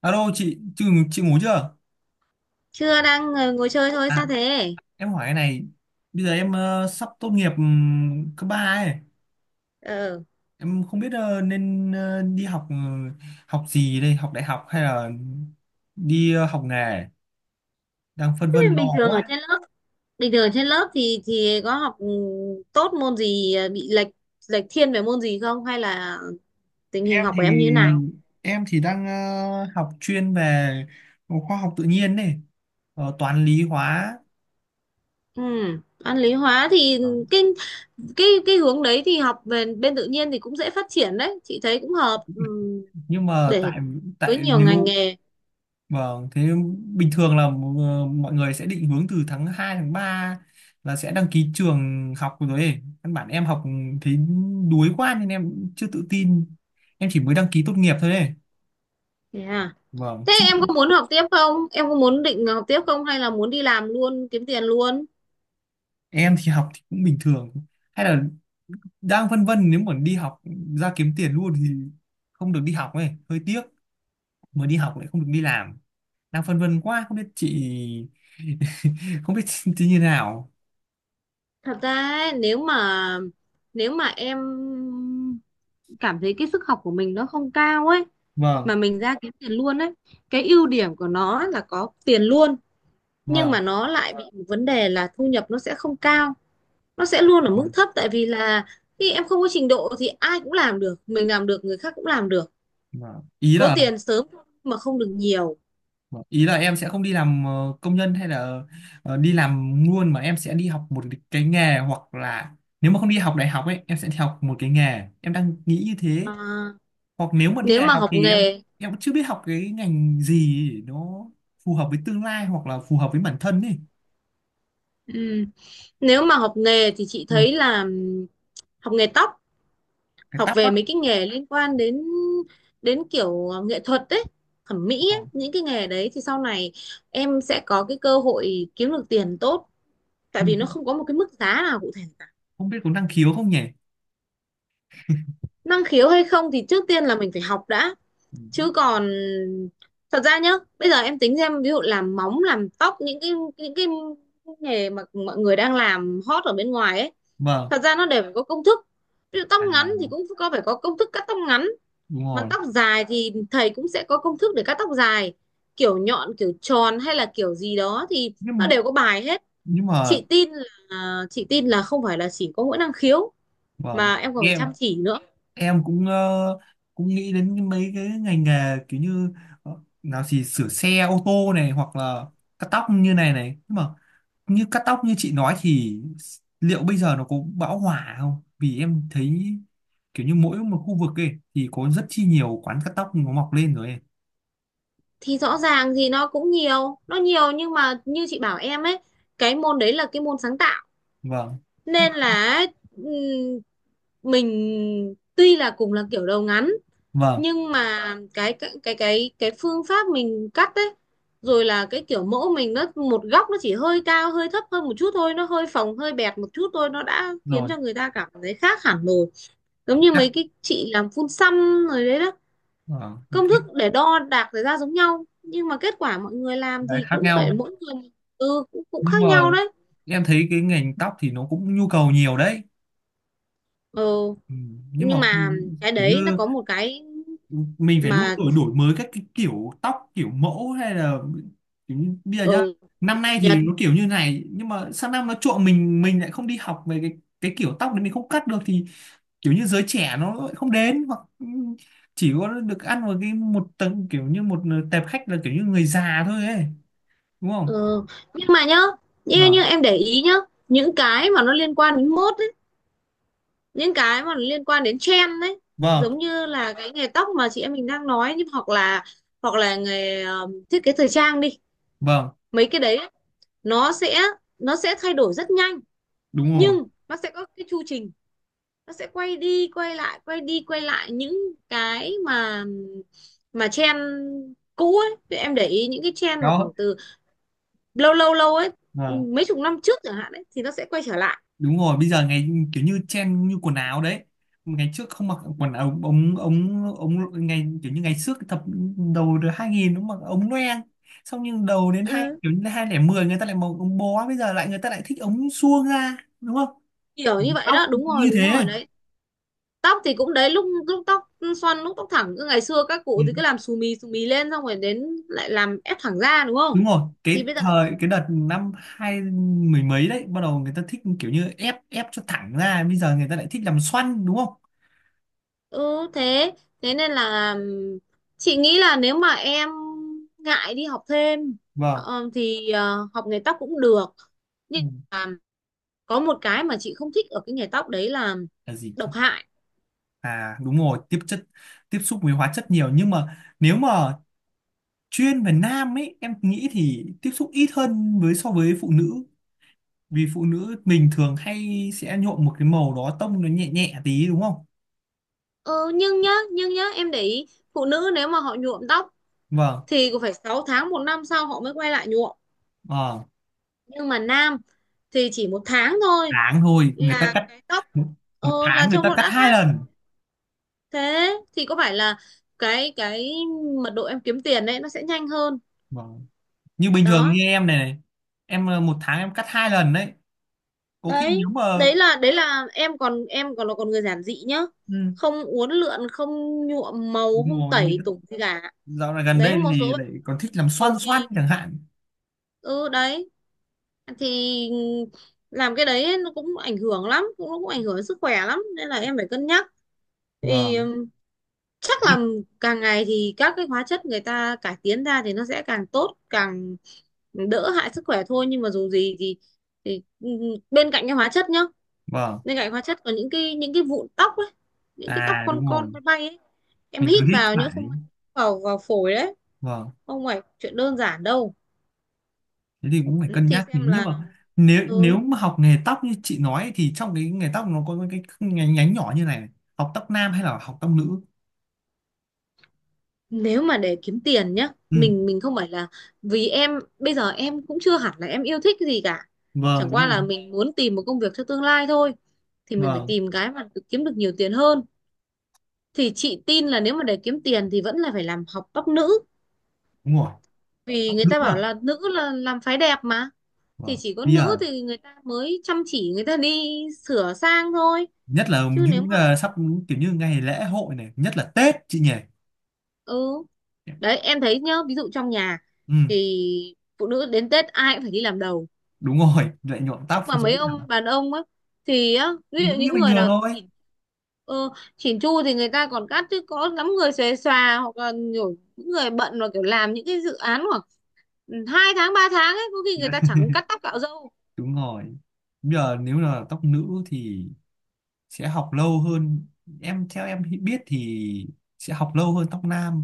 Alo chị, chị ngủ chưa? Chưa, đang ngồi chơi thôi. Sao À, thế? em hỏi cái này, bây giờ em sắp tốt nghiệp cấp 3 ấy. ờ Em không biết nên đi học học gì đây, học đại học hay là đi học nghề, đang phân Thế vân lo bình thường ở quá. trên lớp bình thường ở trên lớp thì có học, tốt môn gì, bị lệch lệch thiên về môn gì không, hay là tình hình Em học thì của em như thế nào? em thì đang học chuyên về khoa học tự nhiên này, toán lý hóa. Ừ, văn lý hóa thì Ờ. cái cái hướng đấy thì học về bên tự nhiên thì cũng dễ phát triển đấy, chị thấy cũng hợp, Nhưng mà để tại với tại nhiều ngành nếu nghề. Vâng, thế bình thường là mọi người sẽ định hướng từ tháng 2 tháng 3 là sẽ đăng ký trường học rồi ấy. Căn bản em học thấy đuối quá nên em chưa tự tin. Em chỉ mới đăng ký tốt nghiệp thôi ấy. Thế à? Vâng, Thế chứ em có muốn học tiếp không em có muốn định học tiếp không, hay là muốn đi làm luôn kiếm tiền luôn? em thì học thì cũng bình thường. Hay là đang vân vân nếu mà đi học ra kiếm tiền luôn thì không được đi học ấy, hơi tiếc. Mới đi học lại không được đi làm. Đang phân vân quá, không biết chị không biết chị như thế nào. Thật ra ấy, nếu mà em cảm thấy cái sức học của mình nó không cao ấy, Vâng, mà mình ra kiếm tiền luôn ấy, cái ưu điểm của nó là có tiền luôn, nhưng mà vâng. nó lại bị một vấn đề là thu nhập nó sẽ không cao, nó sẽ luôn ở mức Vâng. thấp. Tại vì là khi em không có trình độ thì ai cũng làm được, mình làm được người khác cũng làm được. Ý Có là tiền sớm mà không được nhiều. Vâng, ý là em sẽ không đi làm công nhân hay là đi làm luôn mà em sẽ đi học một cái nghề hoặc là nếu mà không đi học đại học ấy em sẽ đi học một cái nghề, em đang nghĩ như thế. À, Hoặc nếu mà đi nếu đại mà học học thì em nghề em cũng chưa biết học cái ngành gì nó phù hợp với tương lai hoặc là phù hợp với bản thân ấy. ừ, nếu mà học nghề thì chị Ừ. thấy là, học nghề tóc, Cái học tóc á? về mấy cái nghề liên quan đến đến kiểu nghệ thuật đấy, thẩm mỹ Ờ, ấy. Những cái nghề đấy thì sau này em sẽ có cái cơ hội kiếm được tiền tốt, tại nhưng vì nó không không có một cái mức giá nào cụ thể cả. không biết có năng khiếu không nhỉ. Năng khiếu hay không thì trước tiên là mình phải học đã. Ừ. Chứ còn, thật ra nhá, bây giờ em tính xem, ví dụ làm móng làm tóc, những cái nghề mà mọi người đang làm hot ở bên ngoài ấy, Vâng. thật ra nó đều phải có công thức. Ví dụ tóc À, ngắn thì cũng có phải có công thức cắt tóc ngắn. đúng Mà rồi. tóc dài thì thầy cũng sẽ có công thức để cắt tóc dài, kiểu nhọn kiểu tròn hay là kiểu gì đó, thì nó nhưng đều có bài hết. nhưng mà chị tin chị tin là không phải là chỉ có mỗi năng khiếu, vâng, mà em còn phải nghe chăm chỉ nữa. em cũng cũng nghĩ đến mấy cái ngành nghề kiểu như ờ, nào thì sửa xe ô tô này hoặc là cắt tóc như này này. Nhưng mà như cắt tóc như chị nói thì liệu bây giờ nó có bão hòa không, vì em thấy kiểu như mỗi một khu vực ấy thì có rất chi nhiều quán cắt tóc nó mọc lên rồi ấy. Thì rõ ràng thì nó nhiều, nhưng mà như chị bảo em ấy, cái môn đấy là cái môn sáng tạo, Vâng. Hay- nên là ừm, mình tuy là cùng là kiểu đầu ngắn, vâng, nhưng mà cái phương pháp mình cắt ấy, rồi là cái kiểu mẫu mình, nó một góc nó chỉ hơi cao hơi thấp hơn một chút thôi, nó hơi phồng hơi bẹt một chút thôi, nó đã khiến rồi, cho người ta cảm thấy khác hẳn rồi. Giống như mấy chắc, cái chị làm phun xăm rồi đấy đó, vâng. công thức để đo đạc ra ra giống nhau, nhưng mà kết quả mọi người làm Cái thì khác cũng nhau. phải mỗi người, cũng Nhưng khác nhau mà đấy. em thấy cái ngành tóc thì nó cũng nhu cầu nhiều đấy. Ừ, Ừ, nhưng nhưng mà mà không- cái kiểu đấy nó như có một cái mình phải luôn mà đổi đổi mới các cái kiểu tóc kiểu mẫu hay là kiểu như bây giờ ở nhá, ừ, năm nay thì nó kiểu như này nhưng mà sang năm nó trộn, mình lại không đi học về cái kiểu tóc đấy mình không cắt được thì kiểu như giới trẻ nó lại không đến hoặc chỉ có được ăn vào cái một tầng kiểu như một tệp khách là kiểu như người già thôi ấy, đúng không? Ừ. Nhưng mà nhá, như Vâng, em để ý nhá, những cái mà nó liên quan đến mốt ấy, những cái mà nó liên quan đến trend đấy, vâng, giống như là cái nghề tóc mà chị em mình đang nói, nhưng hoặc là, nghề thiết kế thời trang đi, vâng, mấy cái đấy ấy, nó sẽ nó sẽ thay đổi rất nhanh, đúng rồi nhưng nó sẽ có cái chu trình, nó sẽ quay đi quay lại quay đi quay lại những cái mà trend cũ ấy. Thì em để ý những cái trend mà khoảng đó. từ lâu lâu lâu ấy, Vâng, mấy chục năm trước chẳng hạn ấy, thì nó sẽ quay trở lại. đúng rồi, bây giờ ngày kiểu như trend như quần áo đấy, ngày trước không mặc quần áo ống ống ống ngày kiểu như ngày trước thập đầu được 2000 nó mặc ống loeng, xong nhưng đầu đến hai Ừ, kiểu như 2010 người ta lại mặc ống bó, bây giờ lại người ta lại thích ống suông ra, đúng không? kiểu như vậy Tóc đó, đúng cũng rồi, như đúng thế. rồi đấy. Tóc thì cũng đấy, lúc lúc tóc xoăn lúc tóc thẳng, cứ ngày xưa các Ừ. cụ thì cứ làm xù mì lên, xong rồi đến lại làm ép thẳng ra, đúng không? Đúng rồi, thì cái bây giờ lại- thời cái đợt năm hai mười mấy đấy bắt đầu người ta thích kiểu như ép ép cho thẳng ra, bây giờ người ta lại thích làm xoăn, đúng không? ừ thế thế nên là, chị nghĩ là nếu mà em ngại đi học thêm, Vâng. Thì học nghề tóc cũng được. Ừ. Nhưng mà có một cái mà chị không thích ở cái nghề tóc đấy là Là gì? độc hại. À đúng rồi, tiếp xúc với hóa chất nhiều nhưng mà nếu mà chuyên về nam ấy em nghĩ thì tiếp xúc ít hơn với so với phụ nữ, vì phụ nữ mình thường hay sẽ nhuộm một cái màu đó tông nó nhẹ nhẹ tí, đúng không? Ờ, nhưng nhá, em để ý, phụ nữ nếu mà họ nhuộm tóc Vâng. thì cũng phải 6 tháng một năm sau họ mới quay lại nhuộm. ờ, Nhưng mà nam thì chỉ một tháng thôi tháng thôi người ta là cắt cái tóc, một, Một tháng là người trông ta nó cắt đã hai khác. lần. Thế thì có phải là cái mật độ em kiếm tiền đấy nó sẽ nhanh hơn. Vâng. Như bình thường như Đó. em này này, em 1 tháng em cắt 2 lần đấy. Có khi nếu Đấy, mà đấy là đấy là em còn là người giản dị nhá. ừ, Không uốn lượn, không nhuộm màu, đúng không rồi, người tẩy ta tủng gì cả. dạo này gần Đấy đây một số thì lại bạn còn thích làm xoăn cầu xoăn kỳ. chẳng hạn. Ừ, đấy thì làm cái đấy nó cũng ảnh hưởng lắm, nó cũng ảnh hưởng đến sức khỏe lắm, nên là em phải cân nhắc. Thì Vâng. Chắc là càng ngày thì các cái hóa chất người ta cải tiến ra thì nó sẽ càng tốt càng đỡ hại sức khỏe thôi, nhưng mà dù gì thì thì ừm, bên cạnh cái hóa chất nhá Vâng. bên cạnh hóa chất có những cái vụn tóc ấy, những cái tóc À đúng rồi, con bay bay ấy, em mình hít cứ hít vào nhỡ không phải. may vào vào phổi đấy, Vâng, không phải chuyện đơn giản đâu. thế thì cũng phải Ừ, cân thì nhắc nhỉ. xem Nhưng là, mà nếu nếu ừ, mà học nghề tóc như chị nói thì trong cái nghề tóc nó có cái nhánh, nhánh nhỏ như này, học tóc nam hay là học tóc nữ? nếu mà để kiếm tiền nhá, Ừ, mình không phải là, vì em bây giờ em cũng chưa hẳn là em yêu thích cái gì cả, vâng, chẳng đúng qua rồi. là mình muốn tìm một công việc cho tương lai thôi, thì mình phải Vâng, tìm cái mà kiếm được nhiều tiền hơn. Thì chị tin là nếu mà để kiếm tiền thì vẫn là phải làm học tóc nữ, đúng rồi. vì Tóc người nữ ta à? bảo là nữ là làm phái đẹp mà. Thì Vâng. chỉ có Bây nữ giờ thì người ta mới chăm chỉ, người ta đi sửa sang thôi. nhất là Chứ nếu những mà, sắp kiểu như ngày lễ hội này, nhất là Tết chị nhỉ. ừ đấy em thấy nhá, ví dụ trong nhà Ừ, thì phụ nữ đến Tết ai cũng phải đi làm đầu. đúng rồi, lại nhuộm tóc Mà dưới mấy thẳng ông đàn ông á, thì á, thì ví dụ vẫn như những bình người thường nào thôi. Ờ, chỉn chu thì người ta còn cắt, chứ có lắm người xuề xòa, hoặc là nhiều những người bận và kiểu làm những cái dự án khoảng 2 tháng 3 tháng ấy, có khi người ta chẳng cắt tóc cạo râu. Đúng rồi. Bây giờ nếu là tóc nữ thì sẽ học lâu hơn, em theo biết thì sẽ học lâu hơn tóc nam.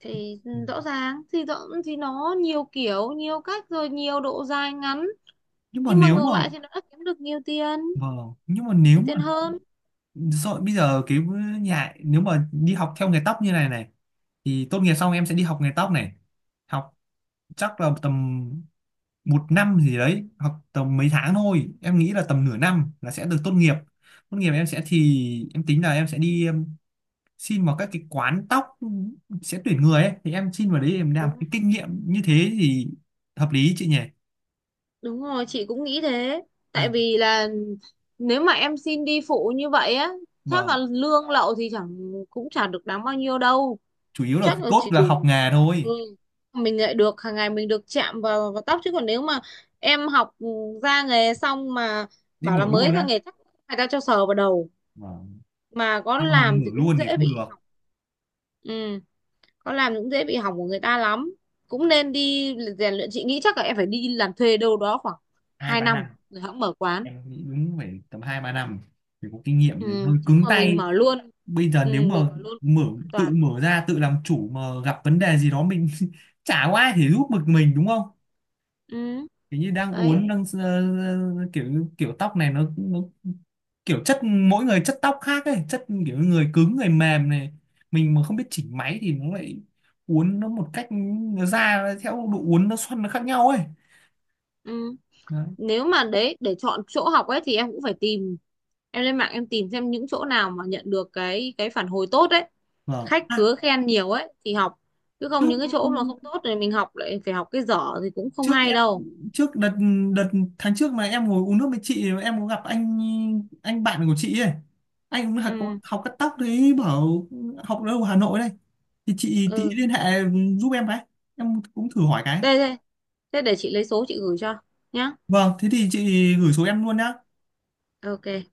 Thì Ừ. rõ ràng thì rõ thì nó nhiều kiểu nhiều cách rồi nhiều độ dài ngắn, nhưng mà nhưng mà nếu ngược mà lại thì nó đã kiếm được nhiều tiền nhưng mà nếu nhiều tiền mà hơn. rồi bây giờ cái nhà nếu mà đi học theo nghề tóc như này này thì tốt nghiệp xong em sẽ đi học nghề tóc này, học chắc là tầm 1 năm gì đấy, học tầm mấy tháng thôi, em nghĩ là tầm nửa năm là sẽ được tốt nghiệp. Em sẽ thì em tính là em sẽ đi xin vào các cái quán tóc sẽ tuyển người ấy, thì em xin vào đấy em làm Đúng cái kinh nghiệm như thế thì hợp lý chị nhỉ? Đúng rồi, chị cũng nghĩ thế. Ừ. Tại vì là nếu mà em xin đi phụ như vậy á, chắc Vâng, là lương lậu thì chẳng cũng chẳng được đáng bao nhiêu đâu. chủ yếu là Chắc cái là cốt chỉ là đủ. học nghề thôi. Ừ. Mình lại được hàng ngày mình được chạm vào vào tóc, chứ còn nếu mà em học ra nghề xong mà Đi bảo mở là mới luôn ra á? nghề, chắc người ta cho sờ vào đầu Vâng. mà có Xong mà làm mở thì cũng luôn thì dễ không bị được. hỏng. Ừ, con làm cũng dễ bị hỏng của người ta lắm, cũng nên đi rèn luyện, chị nghĩ chắc là em phải đi làm thuê đâu đó khoảng Hai 2 ba năm, năm rồi hẵng mở quán. em nghĩ đúng phải tầm 2-3 năm thì có kinh nghiệm để Ừ. hơi chứ cứng mà mình tay. mở luôn Bây giờ ừ, nếu mà Mình mở luôn mở không an tự toàn. mở ra tự làm chủ mà gặp vấn đề gì đó mình chả có ai thể giúp được mình, đúng không? Ừ. Kiểu như đang Đấy. uốn đang kiểu kiểu tóc này nó kiểu chất mỗi người chất tóc khác ấy, chất kiểu người cứng người mềm này, mình mà không biết chỉnh máy thì nó lại uốn nó một cách, nó ra theo độ uốn nó xoăn nó khác nhau ấy. Ừ. Đấy. Nếu mà đấy, để chọn chỗ học ấy thì em cũng phải tìm, em lên mạng em tìm xem những chỗ nào mà nhận được cái phản hồi tốt ấy, Vâng. khách À, khứa khen nhiều ấy thì học, chứ không trước những cái chỗ mà không tốt thì mình học lại phải học cái dở thì cũng không trước hay đâu. trước đợt đợt tháng trước mà em ngồi uống nước với chị, em có gặp anh bạn của chị ấy, anh cũng học Ừ, học cắt tóc đấy, bảo học ở đâu, Hà Nội đây thì chị tí ừ. liên hệ giúp em cái, em cũng thử hỏi cái. Đây, đây. Thế để chị lấy số chị gửi cho nhá. Vâng, thế thì chị gửi số em luôn nhá. Ok.